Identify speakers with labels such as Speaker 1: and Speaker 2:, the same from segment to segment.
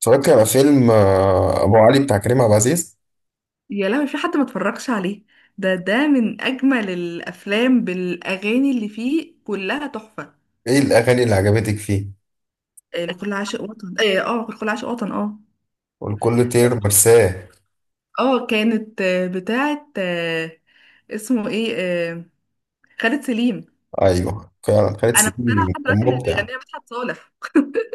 Speaker 1: اتفرجت على فيلم أبو علي بتاع كريم عبد العزيز.
Speaker 2: يا لهوي في حد ما اتفرجش عليه. ده من اجمل الافلام بالاغاني اللي فيه كلها تحفه.
Speaker 1: إيه الأغاني اللي عجبتك فيه؟
Speaker 2: لكل عاشق وطن، لكل عاشق وطن،
Speaker 1: والكل طير مرساه.
Speaker 2: اه كانت بتاعه، اسمه ايه؟ خالد سليم.
Speaker 1: أيوه فعلا خالد
Speaker 2: انا مقتنعه
Speaker 1: سليم
Speaker 2: لحد
Speaker 1: كان
Speaker 2: دلوقتي ان اللي
Speaker 1: مبدع.
Speaker 2: بيغنيها مدحت صالح.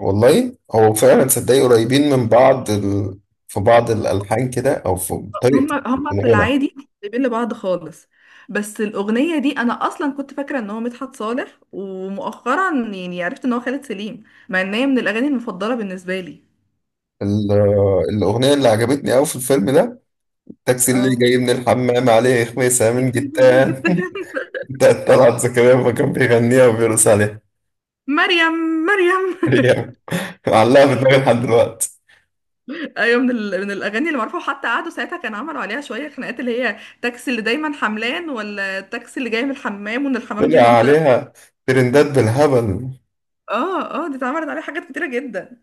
Speaker 1: والله هو فعلا صدقني قريبين من بعض في بعض الألحان كده أو في
Speaker 2: هم
Speaker 1: طريقة
Speaker 2: هم في
Speaker 1: الغنى.
Speaker 2: العادي، سايبين لبعض خالص. بس الاغنيه دي انا اصلا كنت فاكره ان هو مدحت صالح، ومؤخرا يعني عرفت ان هو خالد سليم، مع ان هي من الاغاني المفضله بالنسبه لي.
Speaker 1: الأغنية اللي عجبتني أوي في الفيلم ده التاكسي اللي
Speaker 2: اه.
Speaker 1: جاي من الحمام عليه خميسة من جتان
Speaker 2: جدا.
Speaker 1: بتاعت طلعت زكريا ما كان بيغنيها وبيرقص عليها.
Speaker 2: مريم، مريم.
Speaker 1: هي معلقة في دماغي لحد دلوقتي.
Speaker 2: ايوه، من من الاغاني اللي معروفه، وحتى قعدوا ساعتها كان عملوا عليها شويه خناقات، اللي هي التاكسي اللي دايما حملان ولا التاكسي اللي جاي من الحمام، وان الحمام دي
Speaker 1: طلع
Speaker 2: منطقه.
Speaker 1: عليها ترندات بالهبل.
Speaker 2: اه اه، دي اتعملت عليها حاجات كتيره جدا.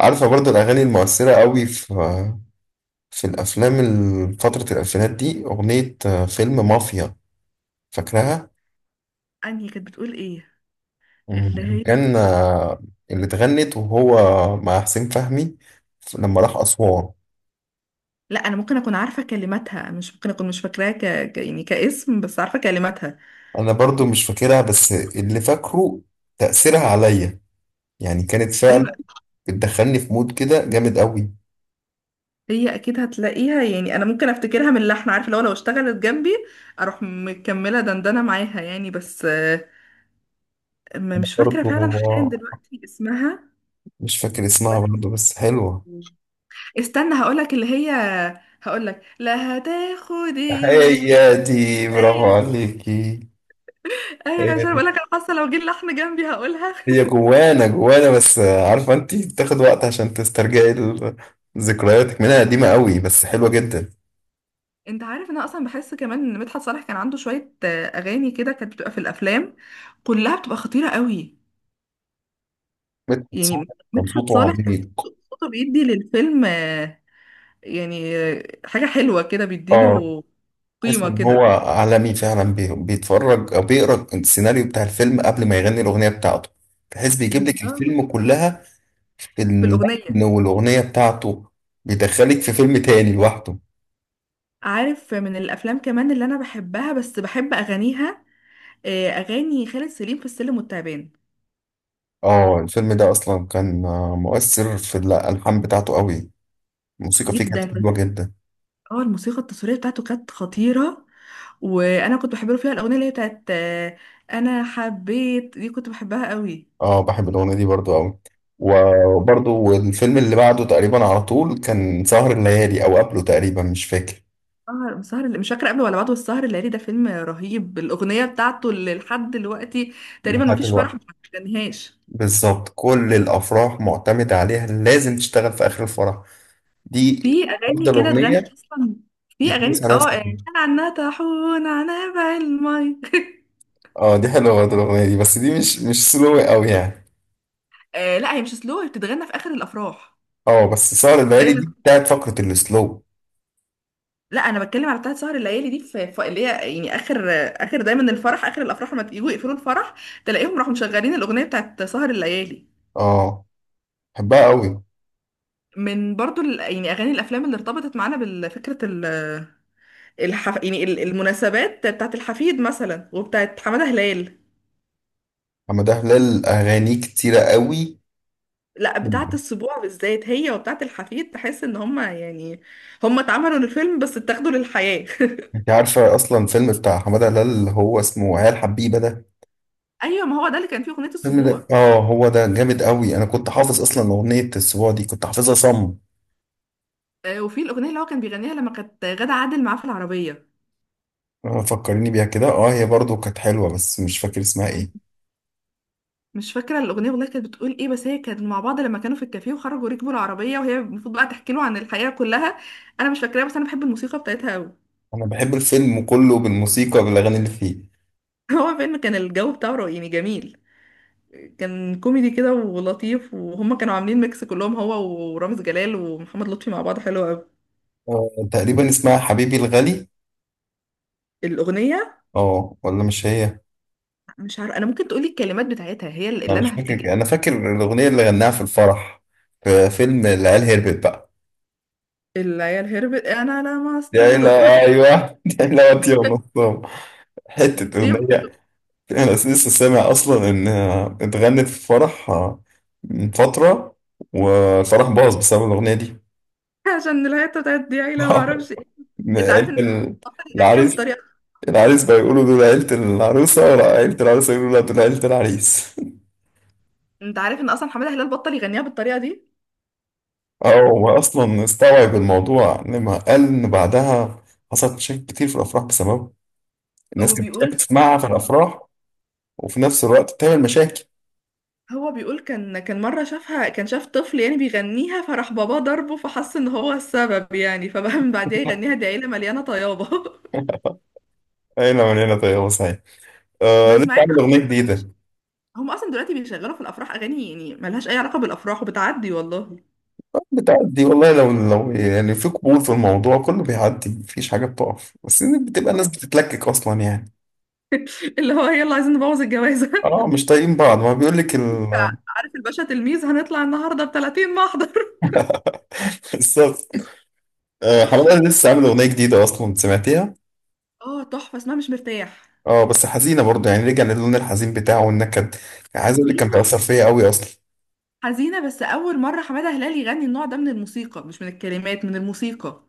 Speaker 1: عارفة برضه الأغاني المؤثرة قوي في الأفلام فترة الألفينات دي أغنية فيلم مافيا. فاكرها؟
Speaker 2: انهي كانت بتقول ايه؟ اللي هي،
Speaker 1: كان اللي اتغنت وهو مع حسين فهمي لما راح أسوان.
Speaker 2: لا انا ممكن اكون عارفه كلماتها، مش ممكن اكون مش فاكراها يعني كاسم، بس عارفه كلماتها.
Speaker 1: أنا برضه مش فاكرها بس اللي فاكره تأثيرها عليا، يعني كانت فعلا
Speaker 2: ايوه.
Speaker 1: بتدخلني في مود كده جامد قوي.
Speaker 2: هي اكيد هتلاقيها، يعني انا ممكن افتكرها من اللحن، عارفه لو اشتغلت جنبي اروح مكمله دندنه معاها يعني. بس
Speaker 1: أنا
Speaker 2: مش فاكرة
Speaker 1: برضه
Speaker 2: فعلا حاليا دلوقتي اسمها.
Speaker 1: مش فاكر اسمها برضه بس حلوة.
Speaker 2: بس استنى هقولك اللي هي، هقولك لا هتاخدي ولا هتاخدي.
Speaker 1: هي دي، برافو
Speaker 2: ايوه، مش
Speaker 1: عليكي. هي
Speaker 2: عارفه
Speaker 1: دي.
Speaker 2: اقولك، انا حاسه لو جه اللحن جنبي هقولها.
Speaker 1: هي جوانا جوانا، بس عارفة انت بتاخد وقت عشان تسترجعي ذكرياتك منها قديمة قوي بس حلوة جدا.
Speaker 2: انت عارف إن انا اصلا بحس كمان ان مدحت صالح كان عنده شويه اغاني كده كانت بتبقى في الافلام كلها بتبقى خطيره قوي.
Speaker 1: مدحت
Speaker 2: يعني
Speaker 1: صالح كان
Speaker 2: مدحت
Speaker 1: صوته
Speaker 2: صالح كان
Speaker 1: عميق.
Speaker 2: صوته بيدي للفيلم، يعني حاجه حلوه كده
Speaker 1: اه،
Speaker 2: بيديله
Speaker 1: تحس
Speaker 2: قيمه
Speaker 1: ان هو
Speaker 2: كده.
Speaker 1: عالمي فعلا بيتفرج او بيقرا السيناريو بتاع الفيلم قبل ما يغني الاغنية بتاعته. تحس بيجيب لك
Speaker 2: بالظبط،
Speaker 1: الفيلم كلها
Speaker 2: في
Speaker 1: باللحن
Speaker 2: الاغنيه.
Speaker 1: والاغنية بتاعته. بيدخلك في فيلم تاني لوحده.
Speaker 2: عارف من الافلام كمان اللي انا بحبها بس بحب اغانيها، اغاني خالد سليم في السلم والتعبان.
Speaker 1: اه، الفيلم ده اصلا كان مؤثر في الالحان بتاعته قوي. الموسيقى فيه كانت
Speaker 2: جدا. بس
Speaker 1: حلوه جدا.
Speaker 2: اه، الموسيقى التصويريه بتاعته كانت خطيره. وانا كنت بحب له فيها الاغنيه اللي هي بتاعت انا حبيت دي كنت بحبها قوي.
Speaker 1: اه، بحب الاغنيه دي برضو قوي، وبرضو الفيلم اللي بعده تقريبا على طول كان سهر الليالي او قبله تقريبا مش فاكر.
Speaker 2: سهر مش فاكره قبل ولا بعد، والسهر الليالي ده فيلم رهيب، الاغنيه بتاعته اللي لحد دلوقتي تقريبا
Speaker 1: لحد
Speaker 2: مفيش فرح
Speaker 1: دلوقتي
Speaker 2: ما غنيهاش.
Speaker 1: بالظبط كل الافراح معتمده عليها، لازم تشتغل في اخر الفرح. دي
Speaker 2: في اغاني
Speaker 1: افضل
Speaker 2: كده اتغنت
Speaker 1: اغنيه
Speaker 2: اصلا. في اغاني
Speaker 1: يتلبس عليها
Speaker 2: اه
Speaker 1: سلو.
Speaker 2: كان عنها طاحون عنها بعلمي.
Speaker 1: اه، دي حلوه برضو الاغنيه دي، بس دي مش سلو قوي يعني.
Speaker 2: آه لا، هي مش سلو، هي بتتغنى في اخر الافراح
Speaker 1: اه بس سهر الليالي
Speaker 2: دايما.
Speaker 1: دي بتاعت فقره السلو.
Speaker 2: لا انا بتكلم على بتاعت سهر الليالي دي، اللي هي يعني اخر دايما الفرح، اخر الافراح لما يجوا يقفلوا الفرح تلاقيهم راحوا مشغلين الاغنيه بتاعت سهر الليالي.
Speaker 1: اه بحبها قوي.
Speaker 2: من برضو يعني اغاني الافلام اللي ارتبطت معانا بالفكره، يعني المناسبات بتاعت الحفيد مثلا، وبتاعت حماده هلال.
Speaker 1: حمادة هلال أغانيه كتيرة قوي.
Speaker 2: لا، بتاعت السبوع بالذات هي وبتاعت الحفيد، تحس ان هما يعني هما اتعملوا للفيلم بس اتاخدوا للحياه.
Speaker 1: أنت عارفة أصلا الفيلم بتاع حمادة هلال اللي هو اسمه عيال حبيبة ده؟
Speaker 2: ايوه، ما هو ده اللي كان فيه اغنيه
Speaker 1: الفيلم ده
Speaker 2: السبوع.
Speaker 1: هو ده جامد قوي، أنا كنت حافظ أصلا أغنية السبوع دي، كنت حافظها صم.
Speaker 2: وفي الاغنيه اللي هو كان بيغنيها لما كانت غادة عادل معاه في العربيه.
Speaker 1: فكرني بيها كده، هي برضو كانت حلوة بس مش فاكر اسمها إيه.
Speaker 2: مش فاكره الاغنيه والله، كانت بتقول ايه؟ بس هي كانت مع بعض لما كانوا في الكافيه، وخرجوا ركبوا العربيه، وهي المفروض بقى تحكي له عن الحياه كلها. انا مش فاكراها، بس انا بحب الموسيقى بتاعتها قوي.
Speaker 1: أنا بحب الفيلم كله بالموسيقى بالأغاني اللي فيه.
Speaker 2: هو فيلم كان الجو بتاعه رائع، يعني جميل. كان كوميدي كده ولطيف، وهم كانوا عاملين ميكس كلهم، هو ورامز جلال ومحمد لطفي مع بعض، حلو قوي.
Speaker 1: تقريبا اسمها حبيبي الغالي.
Speaker 2: الاغنيه،
Speaker 1: ولا مش هي.
Speaker 2: مش عارفه، انا ممكن تقولي الكلمات بتاعتها هي
Speaker 1: أنا
Speaker 2: اللي
Speaker 1: مش
Speaker 2: انا
Speaker 1: فاكر،
Speaker 2: هفتكرها.
Speaker 1: أنا فاكر الأغنية اللي غناها في الفرح في فيلم العيال هربت بقى.
Speaker 2: العيال هربت، انا لمست
Speaker 1: يا إلى.
Speaker 2: له.
Speaker 1: أيوه يا إلى وطي ونصام. حتة
Speaker 2: دي.
Speaker 1: أغنية. أنا لسه سامع أصلا إن اتغنت في فرح من فترة، والفرح باظ بسبب الأغنية دي.
Speaker 2: عشان الهيطه بتاعت دي عيله ما اعرفش ايه. انت عارف
Speaker 1: عيلة
Speaker 2: ان حماده بطل يغنيها
Speaker 1: العريس.
Speaker 2: بالطريقه.
Speaker 1: العريس بقى يقولوا دول عيلة العروسة، ولا عيلة العروسة يقولوا لا دول عيلة العريس.
Speaker 2: انت عارف ان اصلا حماده هلال بطل يغنيها بالطريقه دي،
Speaker 1: اه، هو أصلا استوعب الموضوع لما قال إن بعدها حصلت مشاكل كتير في الأفراح بسببه. الناس كانت بتحب
Speaker 2: وبيقول
Speaker 1: تسمعها في
Speaker 2: مرة-
Speaker 1: الأفراح وفي نفس الوقت بتعمل مشاكل.
Speaker 2: هو بيقول كان مره شافها، كان شاف طفل يعني بيغنيها، فراح باباه ضربه، فحس ان هو السبب يعني، فبقى من بعديها يغنيها: دي عيله مليانه طيابه.
Speaker 1: أين من هنا طيب. يا. آه،
Speaker 2: بس
Speaker 1: لسه
Speaker 2: مع إن
Speaker 1: عامل أغنية جديدة.
Speaker 2: هم اصلا دلوقتي بيشغلوا في الافراح اغاني يعني ملهاش اي علاقه بالافراح، وبتعدي والله.
Speaker 1: آه، بتعدي والله، لو يعني في قبول في الموضوع كله بيعدي، مفيش حاجة بتقف، بس إن بتبقى الناس بتتلكك أصلا يعني.
Speaker 2: اللي هو يلا عايزين نبوظ الجوازه.
Speaker 1: اه، مش طايقين بعض ما بيقول لك
Speaker 2: عارف الباشا تلميذ هنطلع النهارده ب 30 محضر.
Speaker 1: الصف. آه، حمادة لسه عامل أغنية جديدة أصلا، سمعتيها؟
Speaker 2: اه، تحفة، اسمها مش مرتاح.
Speaker 1: اه بس حزينة برضه، يعني رجع للون الحزين بتاعه والنكد. يعني عايز أقول لك كان
Speaker 2: حزينة
Speaker 1: بيأثر
Speaker 2: بس
Speaker 1: فيا أوي أصلا.
Speaker 2: حزينة بس أول مرة حمادة هلال يغني النوع ده من الموسيقى، مش من الكلمات، من الموسيقى.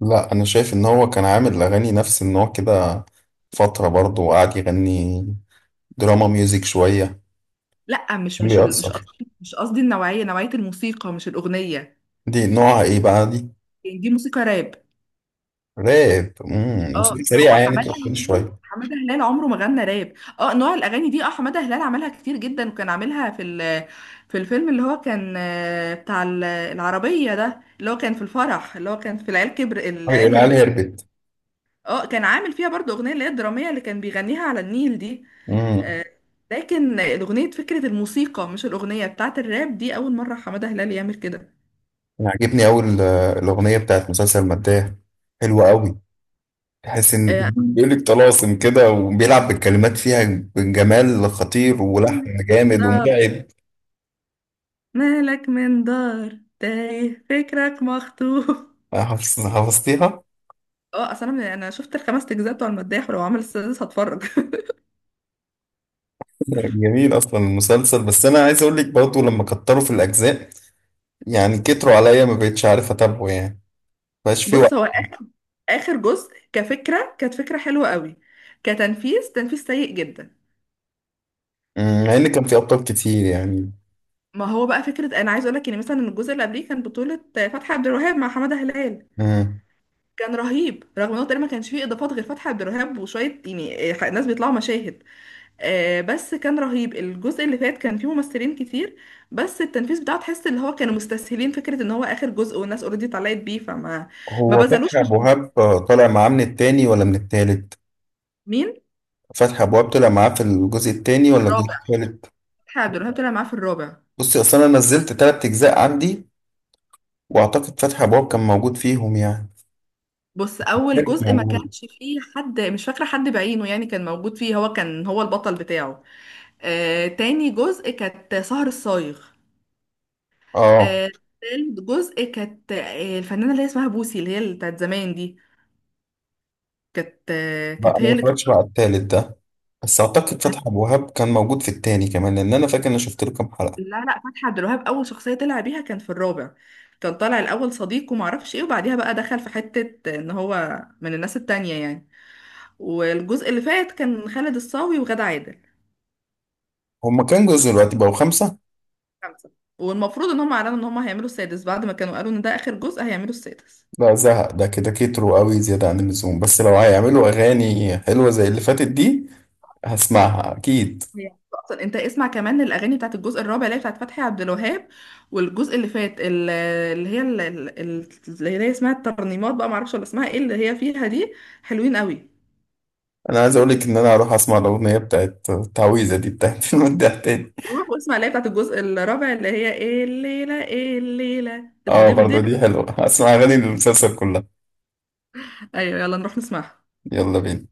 Speaker 1: لا، أنا شايف إن هو كان عامل أغاني نفس النوع كده فترة برضه، وقعد يغني دراما ميوزك شوية.
Speaker 2: لا،
Speaker 1: كان
Speaker 2: مش
Speaker 1: بيأثر.
Speaker 2: قصدي مش قصدي النوعية الموسيقى، مش الأغنية.
Speaker 1: دي نوعها إيه بقى دي؟
Speaker 2: يعني دي موسيقى راب.
Speaker 1: راب.
Speaker 2: اه،
Speaker 1: موسيقى
Speaker 2: هو
Speaker 1: سريعة يعني
Speaker 2: حمادة
Speaker 1: تقفل
Speaker 2: هلال
Speaker 1: شوية.
Speaker 2: حمادة هلال عمره ما غنى راب. اه، نوع الأغاني دي، اه حمادة هلال عملها كتير جدا، وكان عاملها في الفيلم اللي هو كان، بتاع العربية ده، اللي هو كان في الفرح، اللي هو كان في
Speaker 1: أه،
Speaker 2: العيال
Speaker 1: العيال
Speaker 2: هربت.
Speaker 1: هربت.
Speaker 2: اه، كان عامل فيها برضو اغنيه اللي هي الدراميه اللي كان بيغنيها على النيل دي.
Speaker 1: امم.
Speaker 2: آه، لكن الاغنيه فكره الموسيقى، مش الاغنيه بتاعت الراب دي، اول مره حماده هلال يعمل كده.
Speaker 1: عاجبني أوي الأغنية بتاعت مسلسل مداح، حلوة أوي. تحس إن
Speaker 2: آه،
Speaker 1: بيقول لك طلاسم كده وبيلعب بالكلمات فيها بجمال خطير ولحن
Speaker 2: من
Speaker 1: جامد
Speaker 2: دار
Speaker 1: ومرعب.
Speaker 2: مالك، من دار تايه فكرك مخطوف.
Speaker 1: حفظتيها؟
Speaker 2: اه، اصل انا شفت الخمس اجزاء بتوع المداح، ولو عمل السادس هتفرج.
Speaker 1: جميل أصلا المسلسل، بس أنا عايز أقول لك برضه لما كتروا في الأجزاء، يعني كتروا عليا ما بقتش عارف أتابعه يعني، مبقاش في
Speaker 2: بص،
Speaker 1: وقت.
Speaker 2: هو اخر جزء كفكره كانت فكره حلوه قوي، تنفيذ سيء جدا.
Speaker 1: مع إن كان في أبطال كتير يعني.
Speaker 2: ما هو بقى فكره، انا عايز اقول لك ان مثلا الجزء اللي قبليه كان بطوله فتحي عبد الوهاب مع حماده هلال.
Speaker 1: مم.
Speaker 2: كان رهيب، رغم انه تقريبا ما كانش فيه اضافات غير فتحي عبد الوهاب وشويه يعني ناس بيطلعوا مشاهد. بس كان رهيب، الجزء اللي فات كان فيه ممثلين كتير، بس التنفيذ بتاعه تحس اللي هو كانوا مستسهلين فكره ان هو اخر جزء والناس اوريدي طلعت بيه، فما ما
Speaker 1: هو فتحي
Speaker 2: بذلوش مش.
Speaker 1: أبو وهاب طالع معاه من التاني ولا من التالت؟
Speaker 2: مين؟
Speaker 1: فتحي أبو وهاب طلع معاه في الجزء التاني ولا الجزء
Speaker 2: الرابع.
Speaker 1: التالت؟
Speaker 2: فتحي عبد الوهاب طلع معاه في الرابع.
Speaker 1: بصي، أصل أنا نزلت تلات أجزاء عندي، وأعتقد فتحي أبو وهاب كان موجود فيهم يعني.
Speaker 2: بص، اول
Speaker 1: التالت
Speaker 2: جزء ما
Speaker 1: موجود.
Speaker 2: كانش فيه حد، مش فاكره حد بعينه يعني كان موجود فيه، هو كان هو البطل بتاعه. تاني جزء كانت سهر الصايغ.
Speaker 1: آه،
Speaker 2: آه، تالت جزء كانت الفنانة اللي هي اسمها بوسي، اللي بتاعت زمان دي، كانت آه،
Speaker 1: لا أنا
Speaker 2: كانت
Speaker 1: ما
Speaker 2: هي اللي كانت.
Speaker 1: اتفرجتش بقى على التالت ده، بس أعتقد فتحي أبو وهاب كان موجود في التاني كمان، لأن أنا فاكر إن أنا شفت له كام حلقة.
Speaker 2: لا لا، فتحي عبد الوهاب أول شخصية طلع بيها كان في الرابع. كان طالع الأول صديق ومعرفش ايه، وبعديها بقى دخل في حتة إن هو من الناس التانية يعني. والجزء اللي فات كان خالد الصاوي وغادة عادل.
Speaker 1: هما كام جزء دلوقتي، بقوا خمسة؟
Speaker 2: خمسة. والمفروض إن هم أعلنوا إن هم هيعملوا السادس، بعد ما كانوا قالوا إن ده آخر جزء هيعملوا السادس.
Speaker 1: لا، زهق ده كده، كتروا قوي زيادة عن اللزوم، بس لو هيعملوا أغاني حلوة زي اللي فاتت دي هسمعها أكيد.
Speaker 2: هي اصلا انت اسمع كمان الاغاني بتاعت الجزء الرابع اللي هي بتاعت فتحي عبد الوهاب، والجزء اللي فات اللي هي اسمها الترنيمات بقى، معرفش ولا اسمها ايه اللي هي فيها دي، حلوين قوي.
Speaker 1: انا عايز اقولك ان انا هروح اسمع الاغنيه بتاعت التعويذه دي بتاعت المداح تاني.
Speaker 2: روح واسمع اللي هي بتاعت الجزء الرابع، اللي هي ايه الليله، ايه الليله
Speaker 1: اه، برضه
Speaker 2: الدبدب.
Speaker 1: دي حلوه، هسمع اغاني المسلسل كلها.
Speaker 2: ايوه، يلا نروح نسمعها.
Speaker 1: يلا بينا.